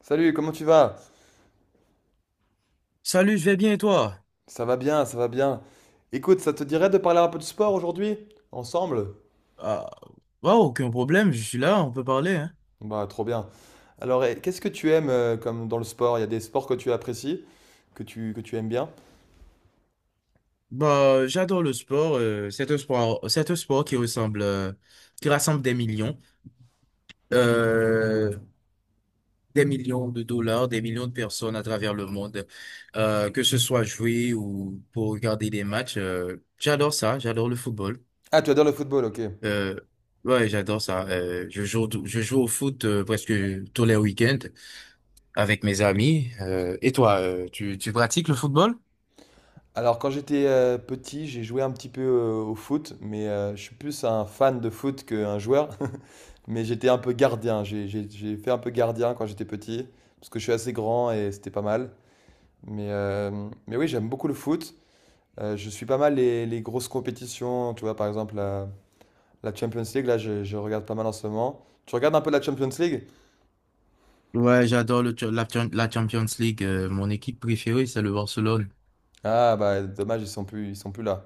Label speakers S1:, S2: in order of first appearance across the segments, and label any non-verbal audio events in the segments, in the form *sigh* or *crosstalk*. S1: Salut, comment tu vas?
S2: Salut, je vais bien et toi?
S1: Ça va bien, ça va bien. Écoute, ça te dirait de parler un peu de sport aujourd'hui? Ensemble?
S2: Ah, bah, aucun problème, je suis là, on peut parler, hein.
S1: Bah, trop bien. Alors, eh, qu'est-ce que tu aimes comme dans le sport? Il y a des sports que tu apprécies, que tu aimes bien?
S2: Bah, j'adore le sport, c'est un sport, c'est un sport qui ressemble, qui rassemble euh, des millions de dollars, des millions de personnes à travers le monde, que ce soit jouer ou pour regarder des matchs. J'adore ça, j'adore le football.
S1: Ah, tu adores le football, ok.
S2: Euh, ouais, j'adore ça. Je joue, je joue au foot, presque tous les week-ends avec mes amis. Et toi, tu pratiques le football?
S1: Alors, quand j'étais petit, j'ai joué un petit peu au foot, mais je suis plus un fan de foot qu'un joueur. *laughs* Mais j'étais un peu gardien. J'ai fait un peu gardien quand j'étais petit, parce que je suis assez grand et c'était pas mal. Mais oui, j'aime beaucoup le foot. Je suis pas mal les grosses compétitions, tu vois, par exemple la Champions League, là je regarde pas mal en ce moment. Tu regardes un peu la Champions League?
S2: Ouais, j'adore la Champions League. Mon équipe préférée, c'est le Barcelone.
S1: Ah bah dommage, ils sont plus là.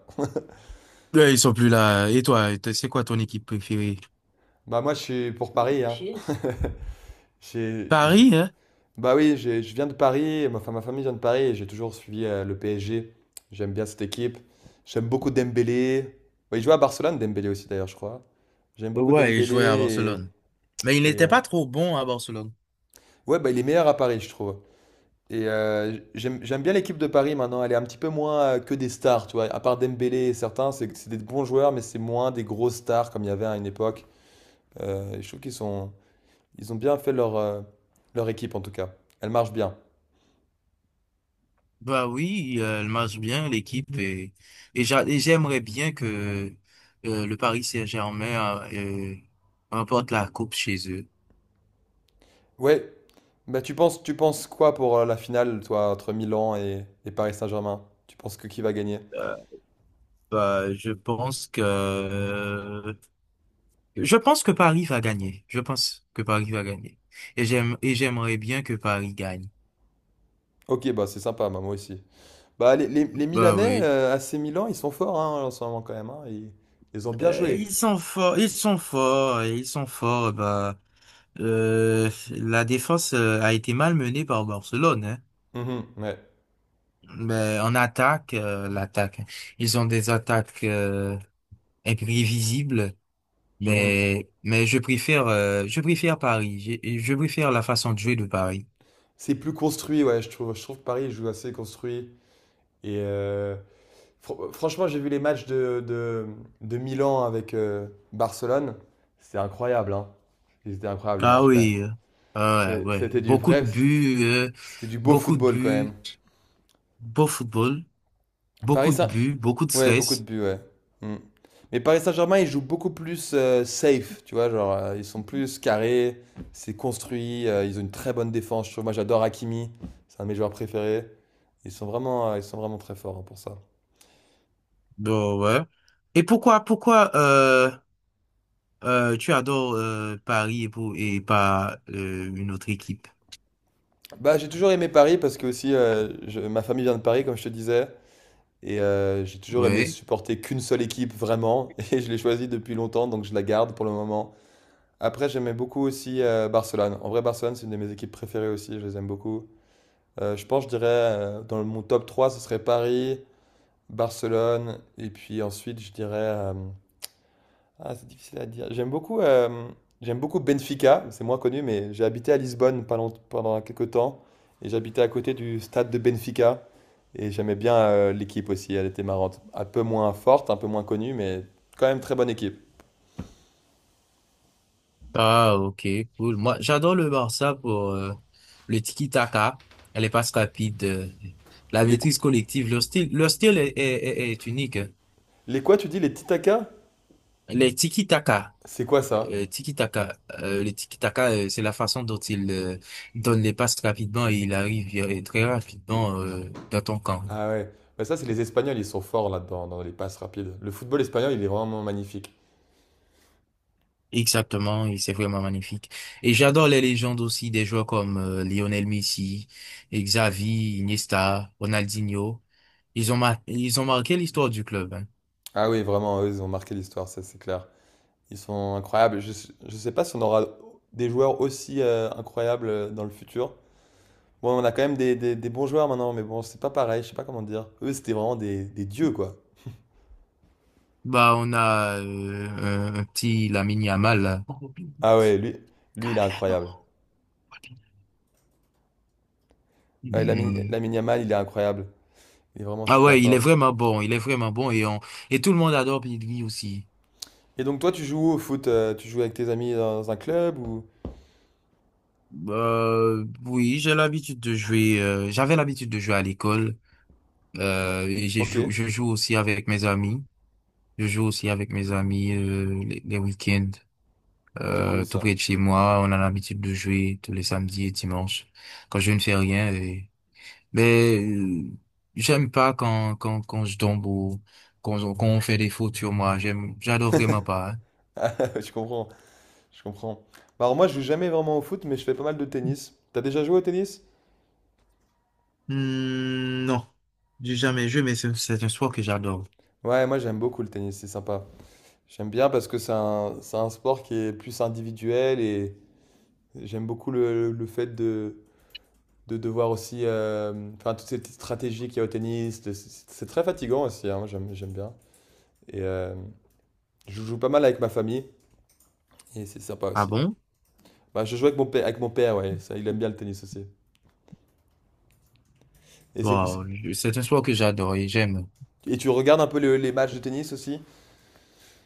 S2: Ouais, ils sont plus là. Et toi, c'est quoi ton équipe préférée?
S1: Bah moi je suis pour Paris, hein. *laughs* J'ai- j'ai-
S2: Paris, hein?
S1: Bah oui, je viens de Paris, enfin, ma famille vient de Paris et j'ai toujours suivi le PSG. J'aime bien cette équipe. J'aime beaucoup Dembélé. Ouais, il joue à Barcelone, Dembélé aussi d'ailleurs, je crois. J'aime beaucoup
S2: Ouais, il jouait à
S1: Dembélé
S2: Barcelone. Mais il
S1: et, et,
S2: n'était
S1: euh,
S2: pas trop bon à Barcelone.
S1: ouais, bah il est meilleur à Paris, je trouve. Et j'aime bien l'équipe de Paris maintenant. Elle est un petit peu moins que des stars, tu vois. À part Dembélé et certains, c'est des bons joueurs, mais c'est moins des grosses stars comme il y avait à une époque. Je trouve qu'ils sont, ils ont bien fait leur équipe en tout cas. Elle marche bien.
S2: Bah oui, elle marche bien, l'équipe. Et j'aimerais bien que le Paris Saint-Germain remporte la coupe chez eux.
S1: Ouais, bah tu penses quoi pour la finale, toi, entre Milan et Paris Saint-Germain? Tu penses que qui va gagner?
S2: Bah, je pense que Paris va gagner. Je pense que Paris va gagner. Et j'aimerais bien que Paris gagne.
S1: Ok, bah c'est sympa, bah, moi aussi. Bah les
S2: Bah
S1: Milanais,
S2: oui.
S1: AC Milan, ils sont forts hein, en ce moment quand même, hein. Ils ont bien joué.
S2: Ils sont forts, ils sont forts, et ils sont forts. Bah la défense a été malmenée par Barcelone, hein.
S1: Mhm, ouais.
S2: Mais en attaque, ils ont des attaques imprévisibles.
S1: Mhm.
S2: Mais je préfère Paris. Je préfère la façon de jouer de Paris.
S1: C'est plus construit, ouais, je trouve. Je trouve que Paris joue assez construit. Et franchement, j'ai vu les matchs de Milan avec Barcelone. C'était incroyable, hein. C'était incroyable les
S2: Ah
S1: matchs quand même.
S2: oui, ouais, ouais,
S1: C'était du vrai, c'était du beau
S2: beaucoup de
S1: football quand même.
S2: buts, beau football,
S1: Paris
S2: beaucoup de
S1: Saint...
S2: buts, beaucoup de
S1: Ouais, beaucoup de
S2: stress.
S1: buts, ouais. Mm. Mais Paris Saint-Germain, ils jouent beaucoup plus safe, tu vois, genre, ils sont plus carrés, c'est construit, ils ont une très bonne défense, je trouve. Moi, j'adore Hakimi, c'est un de mes joueurs préférés. Ils sont vraiment très forts hein, pour ça.
S2: Bon, ouais. Et pourquoi tu adores Paris et pas une autre équipe?
S1: Bah, j'ai toujours aimé Paris parce que aussi, ma famille vient de Paris, comme je te disais, et j'ai toujours aimé
S2: Ouais.
S1: supporter qu'une seule équipe, vraiment, *laughs* et je l'ai choisie depuis longtemps, donc je la garde pour le moment. Après, j'aimais beaucoup aussi Barcelone. En vrai, Barcelone, c'est une de mes équipes préférées aussi, je les aime beaucoup. Je dirais, dans mon top 3 ce serait Paris, Barcelone, et puis ensuite, je dirais... ah, c'est difficile à dire. J'aime beaucoup Benfica, c'est moins connu, mais j'ai habité à Lisbonne pendant quelques temps, et j'habitais à côté du stade de Benfica, et j'aimais bien l'équipe aussi, elle était marrante. Un peu moins forte, un peu moins connue, mais quand même très bonne équipe.
S2: Ah, ok, cool. Moi, j'adore le Barça pour le tiki-taka, les passes rapides, la
S1: Les, qu-
S2: maîtrise collective. Leur style est unique.
S1: les quoi, tu dis, les titacas?
S2: Les tiki-taka.
S1: C'est quoi ça?
S2: Le tiki-taka, c'est la façon dont il donne les passes rapidement et il arrive très rapidement dans ton camp.
S1: Ah ouais, bah ça c'est les Espagnols, ils sont forts là-dedans, dans les passes rapides. Le football espagnol, il est vraiment magnifique.
S2: Exactement, et c'est vraiment magnifique. Et j'adore les légendes aussi des joueurs comme Lionel Messi, Xavi, Iniesta, Ronaldinho. Ils ont marqué l'histoire du club, hein.
S1: Ah oui, vraiment, eux, ils ont marqué l'histoire, ça c'est clair. Ils sont incroyables. Je ne sais pas si on aura des joueurs aussi incroyables dans le futur. Bon, on a quand même des bons joueurs maintenant, mais bon, c'est pas pareil, je sais pas comment dire. Eux, c'était vraiment des dieux, quoi.
S2: Bah, on a un petit Lamine Yamal là. *laughs*
S1: Ah ouais, lui, il est incroyable. Ouais,
S2: Hmm.
S1: Lamine Yamal, il est incroyable. Il est vraiment
S2: Ah
S1: super
S2: ouais,
S1: fort.
S2: il est vraiment bon et tout le monde adore Pedri aussi.
S1: Et donc, toi, tu joues où au foot, tu joues avec tes amis dans un club ou...
S2: Oui, j'ai l'habitude de jouer, j'avais l'habitude de jouer à l'école,
S1: Ok,
S2: je joue aussi avec mes amis, je joue aussi avec mes amis, les week-ends,
S1: c'est cool
S2: tout
S1: ça.
S2: près de chez moi, on a l'habitude de jouer tous les samedis et dimanches, quand je ne fais rien, mais j'aime pas quand je tombe, ou quand on fait des fautes sur moi, j'adore vraiment pas.
S1: *laughs* Ah, je comprends, je comprends. Bah, alors moi, je joue jamais vraiment au foot, mais je fais pas mal de tennis. T'as déjà joué au tennis?
S2: Hmm, non, j'ai jamais joué, mais c'est un sport que j'adore.
S1: Ouais, moi j'aime beaucoup le tennis, c'est sympa. J'aime bien parce que c'est un sport qui est plus individuel et j'aime beaucoup le fait de devoir aussi... enfin, toutes ces petites stratégies qu'il y a au tennis, c'est très fatigant aussi, hein, j'aime bien. Et je joue pas mal avec ma famille et c'est sympa
S2: Ah
S1: aussi.
S2: bon?
S1: Bah, je joue avec mon père, ouais, ça, il aime bien le tennis aussi. Et, c'est, c'est-
S2: Wow, c'est un sport que j'adore et j'aime.
S1: et tu regardes un peu les matchs de tennis aussi?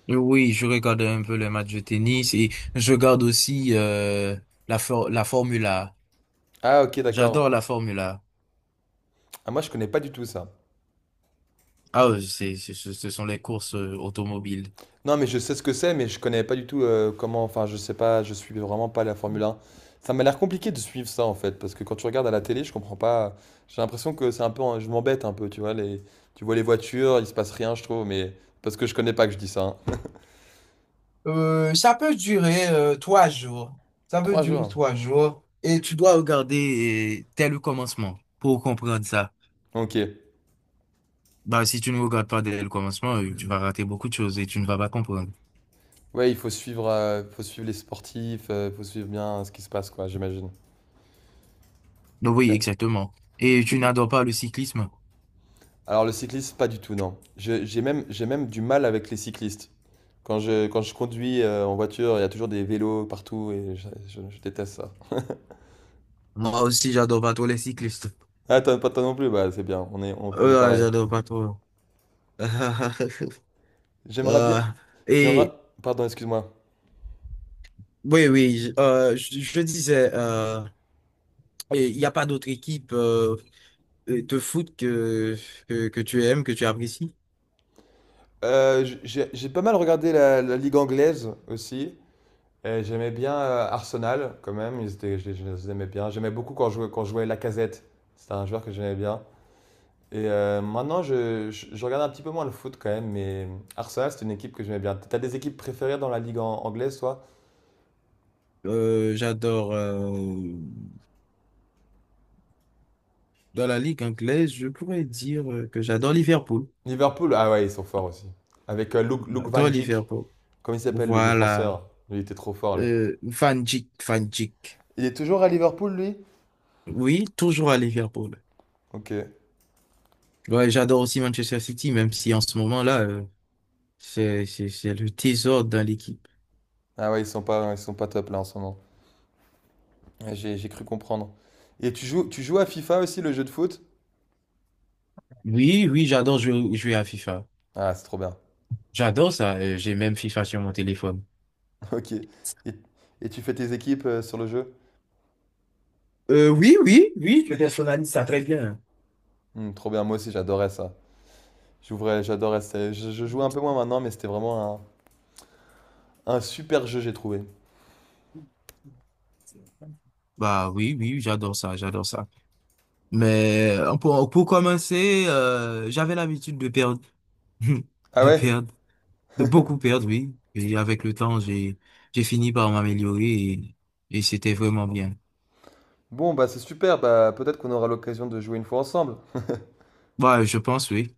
S2: Et oui, je regarde un peu les matchs de tennis et je regarde aussi la Formule A.
S1: Ah ok, d'accord.
S2: J'adore la Formule A.
S1: Ah, moi je connais pas du tout ça.
S2: Ah, ce ce sont les courses automobiles.
S1: Non, mais je sais ce que c'est, mais je connais pas du tout comment. Enfin, je sais pas, je suis vraiment pas la Formule 1. Ça m'a l'air compliqué de suivre ça en fait, parce que quand tu regardes à la télé, je comprends pas. J'ai l'impression que c'est un peu, je m'embête un peu, tu vois. Les... Tu vois les voitures, il se passe rien, je trouve, mais parce que je connais pas que je dis ça, hein.
S2: Ça peut durer trois jours. Ça peut
S1: Trois
S2: durer
S1: jours.
S2: trois jours. Et tu dois regarder dès le commencement pour comprendre ça.
S1: Ok.
S2: Bah, si tu ne regardes pas dès le commencement, tu vas rater beaucoup de choses et tu ne vas pas comprendre.
S1: Ouais, il faut suivre les sportifs, il faut suivre bien ce qui se passe, quoi, j'imagine.
S2: Donc oui,
S1: Tiens.
S2: exactement. Et tu n'adores pas le cyclisme?
S1: Alors le cycliste, pas du tout, non. J'ai même du mal avec les cyclistes. Quand je conduis en voiture, il y a toujours des vélos partout et je déteste ça.
S2: Moi aussi, j'adore pas trop les cyclistes.
S1: Ah, toi, pas toi non plus, bah c'est bien, on est pareil.
S2: J'adore pas trop. *laughs*
S1: J'aimerais bien.
S2: Euh,
S1: J'aimerais.
S2: et
S1: Pardon, excuse-moi.
S2: oui, je disais, il n'y a pas d'autre équipe de foot que tu aimes, que tu apprécies?
S1: J'ai pas mal regardé la Ligue anglaise aussi. Et j'aimais bien Arsenal quand même, ils étaient, je les aimais bien. J'aimais beaucoup quand je jouais Lacazette, c'était un joueur que j'aimais bien. Et maintenant, je regarde un petit peu moins le foot quand même, mais Arsenal, c'est une équipe que j'aimais bien. T'as des équipes préférées dans la Ligue anglaise, toi?
S2: J'adore dans la ligue anglaise, je pourrais dire que j'adore Liverpool.
S1: Liverpool, ah ouais, ils sont forts aussi. Avec Luke Van
S2: J'adore
S1: Dijk,
S2: Liverpool.
S1: comment il s'appelle le
S2: Voilà.
S1: défenseur? Lui, il était trop fort, lui.
S2: Van Dijk, Van Dijk.
S1: Il est toujours à Liverpool, lui?
S2: Oui, toujours à Liverpool.
S1: Ok.
S2: Ouais, j'adore aussi Manchester City, même si en ce moment-là, c'est le trésor dans l'équipe.
S1: Ah ouais, ils sont pas top là en ce moment. Ouais, j'ai cru comprendre. Et tu joues à FIFA aussi, le jeu de foot?
S2: Oui, oui, j'adore jouer à FIFA.
S1: Ah, c'est trop bien.
S2: J'adore ça. J'ai même FIFA sur mon téléphone.
S1: *laughs* Ok. Et tu fais tes équipes sur le jeu?
S2: Oui, je personnalise ça très bien.
S1: Hmm, trop bien, moi aussi, j'adorais ça. J'ouvrais, j'adorais ça. Je jouais un peu moins maintenant, mais c'était vraiment un super jeu, j'ai trouvé.
S2: Bah oui, j'adore ça. Mais pour commencer, j'avais l'habitude de perdre, *laughs*
S1: Ah
S2: de
S1: ouais.
S2: perdre, de beaucoup perdre, oui. Et avec le temps, j'ai fini par m'améliorer, et c'était vraiment bien.
S1: Bon, bah c'est super, bah peut-être qu'on aura l'occasion de jouer une fois ensemble.
S2: Bah, je pense, oui.